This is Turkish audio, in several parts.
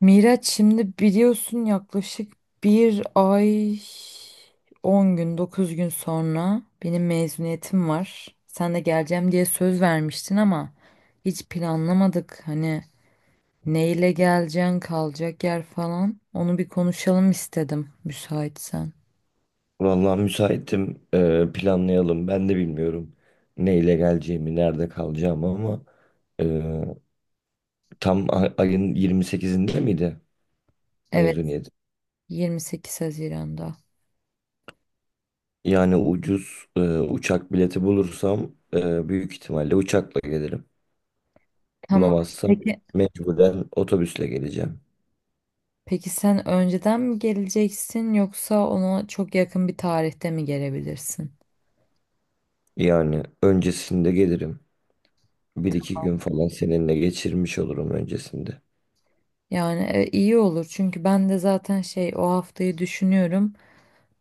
Miraç şimdi biliyorsun yaklaşık bir ay 10 gün 9 gün sonra benim mezuniyetim var. Sen de geleceğim diye söz vermiştin ama hiç planlamadık. Hani neyle geleceksin kalacak yer falan onu bir konuşalım istedim müsaitsen. Vallahi müsaitim. Planlayalım. Ben de bilmiyorum neyle geleceğimi, nerede kalacağımı ama e, tam ayın 28'inde miydi Evet, mezuniyet? 28 Haziran'da. Yani ucuz uçak bileti bulursam büyük ihtimalle uçakla gelirim. Tamam. Bulamazsam Peki. mecburen otobüsle geleceğim. Peki sen önceden mi geleceksin yoksa ona çok yakın bir tarihte mi gelebilirsin? Yani öncesinde gelirim. Bir iki gün falan seninle geçirmiş olurum öncesinde. Yani iyi olur çünkü ben de zaten şey o haftayı düşünüyorum.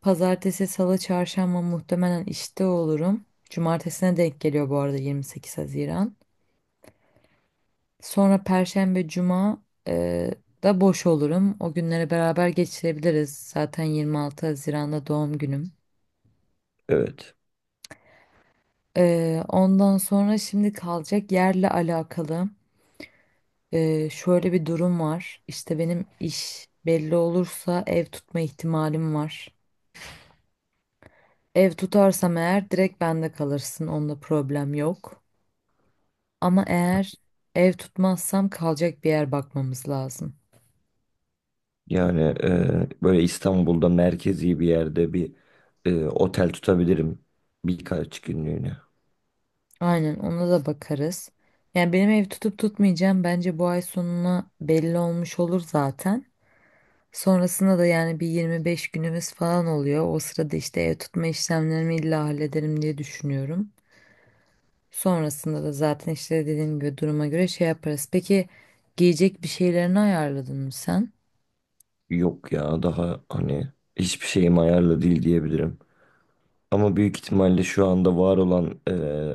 Pazartesi, salı, çarşamba muhtemelen işte olurum. Cumartesine denk geliyor bu arada 28 Haziran. Sonra perşembe, cuma da boş olurum. O günleri beraber geçirebiliriz. Zaten 26 Haziran'da doğum günüm. Evet. Ondan sonra şimdi kalacak yerle alakalı şöyle bir durum var. İşte benim iş belli olursa ev tutma ihtimalim var. Ev tutarsam eğer direkt bende kalırsın. Onda problem yok. Ama eğer ev tutmazsam kalacak bir yer bakmamız lazım. Yani böyle İstanbul'da merkezi bir yerde bir otel tutabilirim birkaç günlüğüne. Aynen, ona da bakarız. Yani benim ev tutup tutmayacağım bence bu ay sonuna belli olmuş olur zaten. Sonrasında da yani bir 25 günümüz falan oluyor. O sırada işte ev tutma işlemlerimi illa hallederim diye düşünüyorum. Sonrasında da zaten işte dediğim gibi duruma göre şey yaparız. Peki, giyecek bir şeylerini ayarladın mı sen? Yok ya daha hani hiçbir şeyim ayarlı değil diyebilirim. Ama büyük ihtimalle şu anda var olan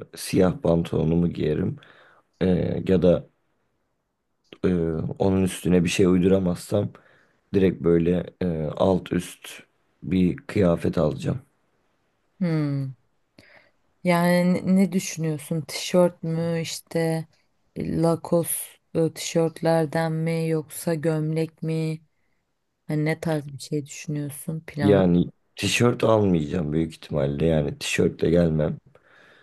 siyah pantolonumu giyerim. E, ya da e, onun üstüne bir şey uyduramazsam direkt böyle alt üst bir kıyafet alacağım. Hmm. Yani ne düşünüyorsun? Tişört mü işte Lacoste tişörtlerden mi yoksa gömlek mi? Hani ne tarz bir şey düşünüyorsun plan? Yani tişört almayacağım büyük ihtimalle yani tişörtle gelmem.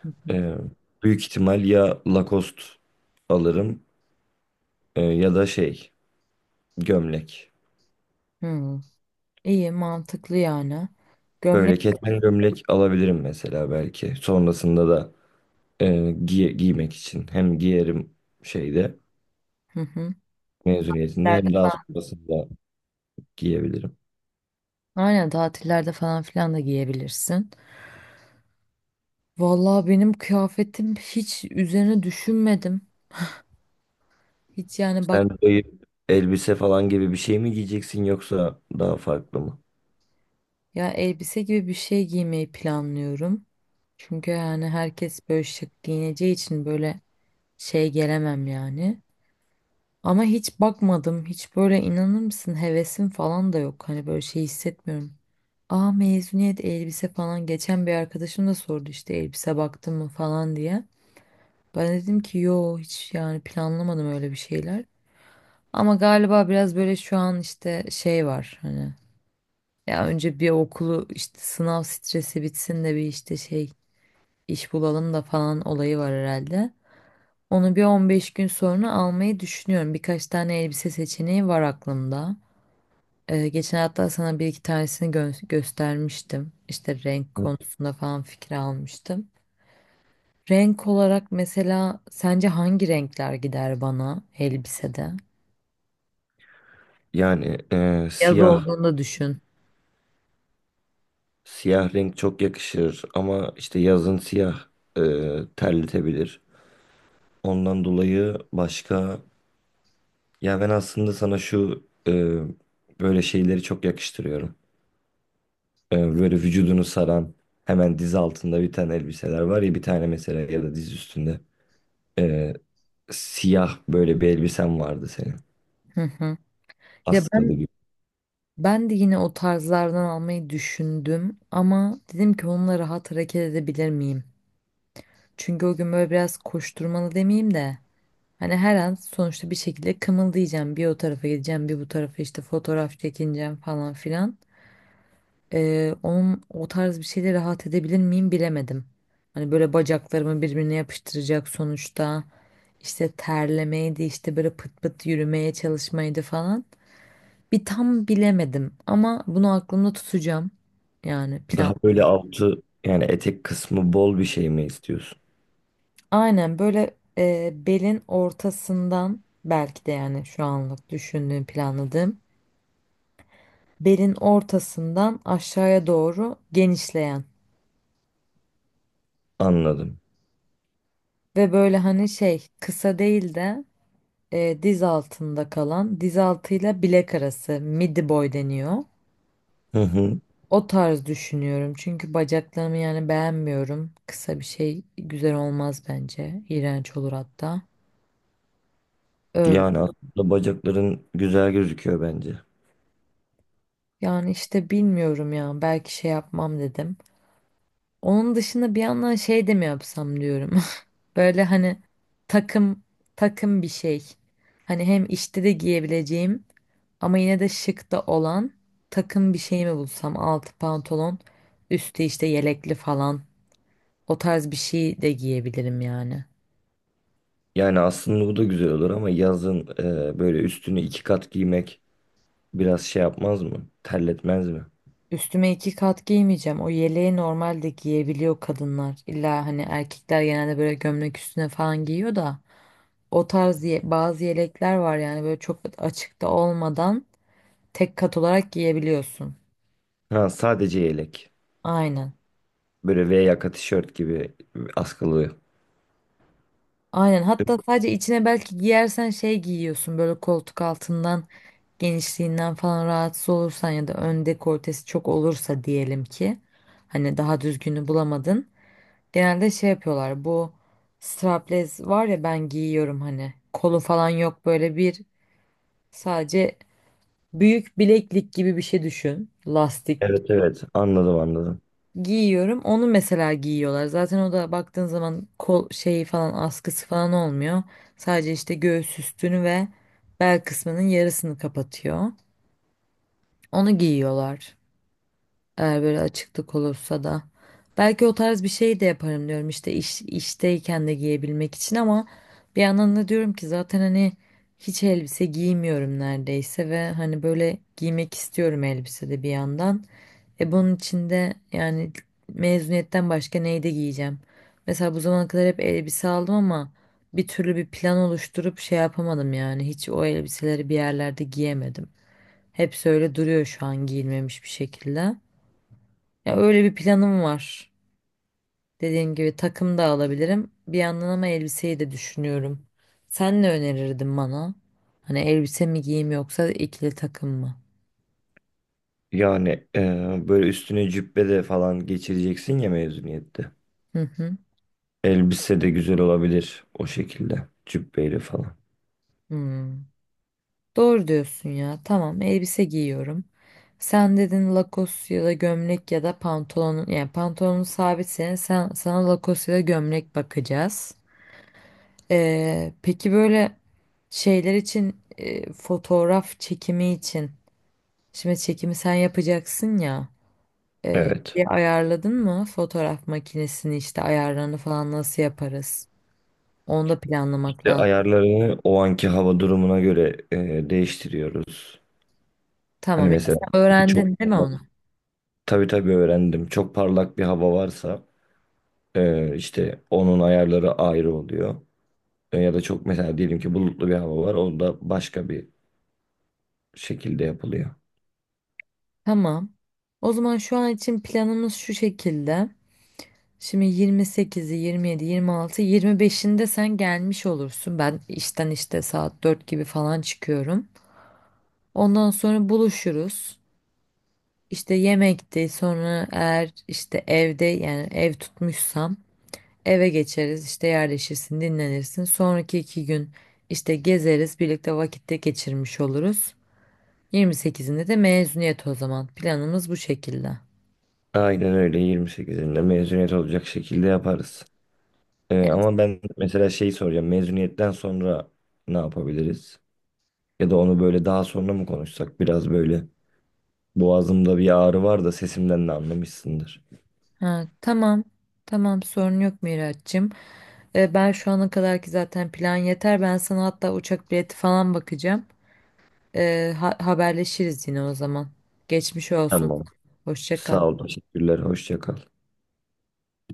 Hı hı. Ee, büyük ihtimal ya Lacoste alırım, ya da şey gömlek. Hı. İyi, mantıklı yani. Gömlek. Böyle keten gömlek alabilirim mesela belki. Sonrasında da e, giymek için. Hem giyerim şeyde Hı hı. mezuniyetinde hem Tatillerde daha falan. sonrasında giyebilirim. Aynen, tatillerde falan filan da giyebilirsin. Vallahi benim kıyafetim hiç üzerine düşünmedim. Hiç yani bak, Sen dayı elbise falan gibi bir şey mi giyeceksin yoksa daha farklı mı? ya elbise gibi bir şey giymeyi planlıyorum. Çünkü yani herkes böyle şık giyineceği için böyle şey gelemem yani. Ama hiç bakmadım. Hiç böyle inanır mısın, hevesim falan da yok. Hani böyle şey hissetmiyorum. Aa, mezuniyet elbise falan. Geçen bir arkadaşım da sordu işte elbise baktın mı falan diye. Ben dedim ki yo, hiç yani planlamadım öyle bir şeyler. Ama galiba biraz böyle şu an işte şey var hani. Ya önce bir okulu işte sınav stresi bitsin de bir işte şey iş bulalım da falan olayı var herhalde. Onu bir 15 gün sonra almayı düşünüyorum. Birkaç tane elbise seçeneği var aklımda. Geçen hafta sana bir iki tanesini göstermiştim. İşte renk Hı. konusunda falan fikir almıştım. Renk olarak mesela sence hangi renkler gider bana elbisede? Yani Yaz olduğunda düşün. siyah renk çok yakışır ama işte yazın siyah e, terletebilir. Ondan dolayı başka, ya ben aslında sana şu böyle şeyleri çok yakıştırıyorum. Böyle vücudunu saran hemen diz altında bir tane elbiseler var ya, bir tane mesela, ya da diz üstünde. E, siyah böyle bir elbisen vardı senin, Hı hı. Ya askalı ben gibi. ben de yine o tarzlardan almayı düşündüm ama dedim ki onunla rahat hareket edebilir miyim? Çünkü o gün böyle biraz koşturmalı demeyeyim de hani her an sonuçta bir şekilde kımıldayacağım. Bir o tarafa gideceğim, bir bu tarafa işte fotoğraf çekineceğim falan filan. Onun o tarz bir şeyle rahat edebilir miyim bilemedim. Hani böyle bacaklarımı birbirine yapıştıracak sonuçta. İşte terlemeydi, işte böyle pıt pıt yürümeye çalışmaydı falan. Bir tam bilemedim ama bunu aklımda tutacağım. Yani plan. Daha böyle altı, yani etek kısmı bol bir şey mi istiyorsun? Aynen, böyle belin ortasından belki de, yani şu anlık düşündüğüm, planladığım, belin ortasından aşağıya doğru genişleyen Anladım. ve böyle hani şey kısa değil de diz altında kalan, diz altıyla bilek arası midi boy deniyor. Hı hı. O tarz düşünüyorum çünkü bacaklarımı yani beğenmiyorum. Kısa bir şey güzel olmaz bence. İğrenç olur hatta. Öyle. Yani aslında bacakların güzel gözüküyor bence. Yani işte bilmiyorum ya, belki şey yapmam dedim. Onun dışında bir yandan şey de mi yapsam diyorum. Böyle hani takım takım, bir şey. Hani hem işte de giyebileceğim ama yine de şık da olan takım bir şey mi bulsam? Altı pantolon, üstü işte yelekli falan. O tarz bir şey de giyebilirim yani. Yani aslında bu da güzel olur ama yazın böyle üstünü iki kat giymek biraz şey yapmaz mı? Terletmez mi? Üstüme iki kat giymeyeceğim. O yeleği normalde giyebiliyor kadınlar. İlla hani erkekler genelde böyle gömlek üstüne falan giyiyor da. O tarz bazı yelekler var yani, böyle çok açıkta olmadan tek kat olarak giyebiliyorsun. Ha, sadece yelek. Aynen. Böyle V yaka tişört gibi, askılı. Aynen. Hatta sadece içine belki giyersen şey giyiyorsun, böyle koltuk altından genişliğinden falan rahatsız olursan ya da ön dekoltesi çok olursa diyelim ki, hani daha düzgünü bulamadın. Genelde şey yapıyorlar, bu strapless var ya, ben giyiyorum, hani kolu falan yok, böyle bir sadece büyük bileklik gibi bir şey düşün, lastik Evet, evet, anladım, anladım. giyiyorum. Onu mesela giyiyorlar. Zaten o da baktığın zaman kol şeyi falan, askısı falan olmuyor. Sadece işte göğüs üstünü ve bel kısmının yarısını kapatıyor. Onu giyiyorlar. Eğer böyle açıklık olursa da. Belki o tarz bir şey de yaparım diyorum işte, işteyken de giyebilmek için. Ama bir yandan da diyorum ki, zaten hani hiç elbise giymiyorum neredeyse ve hani böyle giymek istiyorum elbise de bir yandan. E, bunun içinde yani mezuniyetten başka neyi de giyeceğim? Mesela bu zamana kadar hep elbise aldım ama bir türlü bir plan oluşturup şey yapamadım yani. Hiç o elbiseleri bir yerlerde giyemedim. Hepsi öyle duruyor şu an giyilmemiş bir şekilde. Ya öyle bir planım var. Dediğim gibi takım da alabilirim bir yandan ama elbiseyi de düşünüyorum. Sen ne önerirdin bana? Hani elbise mi giyeyim yoksa ikili takım mı? Yani böyle üstüne cübbe de falan geçireceksin ya mezuniyette. Hı hı. Elbise de güzel olabilir o şekilde. Cübbeyle falan. Hmm. Doğru diyorsun ya. Tamam, elbise giyiyorum. Sen dedin lakos ya da gömlek ya da pantolonun, yani pantolonun sabit senin, sen, sana lakos ya da gömlek bakacağız. Peki böyle şeyler için, fotoğraf çekimi için, şimdi çekimi sen yapacaksın ya, e, Evet. şeyi ayarladın mı, fotoğraf makinesini işte ayarlarını falan nasıl yaparız? Onu da planlamak İşte lazım. ayarlarını o anki hava durumuna göre değiştiriyoruz. Hani Tamam ya, mesela sen öğrendin çok değil mi parlak, onu? tabii, tabii öğrendim. Çok parlak bir hava varsa işte onun ayarları ayrı oluyor. Ya da çok, mesela diyelim ki bulutlu bir hava var. O da başka bir şekilde yapılıyor. Tamam. O zaman şu an için planımız şu şekilde. Şimdi 28'i, 27, 26, 25'inde sen gelmiş olursun. Ben işten işte saat 4 gibi falan çıkıyorum. Ondan sonra buluşuruz. İşte yemekte, sonra eğer işte evde, yani ev tutmuşsam eve geçeriz. İşte yerleşirsin, dinlenirsin. Sonraki 2 gün işte gezeriz, birlikte vakitte geçirmiş oluruz. 28'inde de mezuniyet o zaman. Planımız bu şekilde. Aynen öyle, 28'inde mezuniyet olacak şekilde yaparız. Ama ben mesela şeyi soracağım. Mezuniyetten sonra ne yapabiliriz? Ya da onu böyle daha sonra mı konuşsak? Biraz böyle boğazımda bir ağrı var, da sesimden de anlamışsındır. Ha, tamam. Tamam, sorun yok Miraç'cığım. Ben şu ana kadarki zaten plan yeter. Ben sana hatta uçak bileti falan bakacağım. Haberleşiriz yine o zaman. Geçmiş olsun. Tamam. Hoşça kal. Sağ ol. Teşekkürler. Hoşça kal.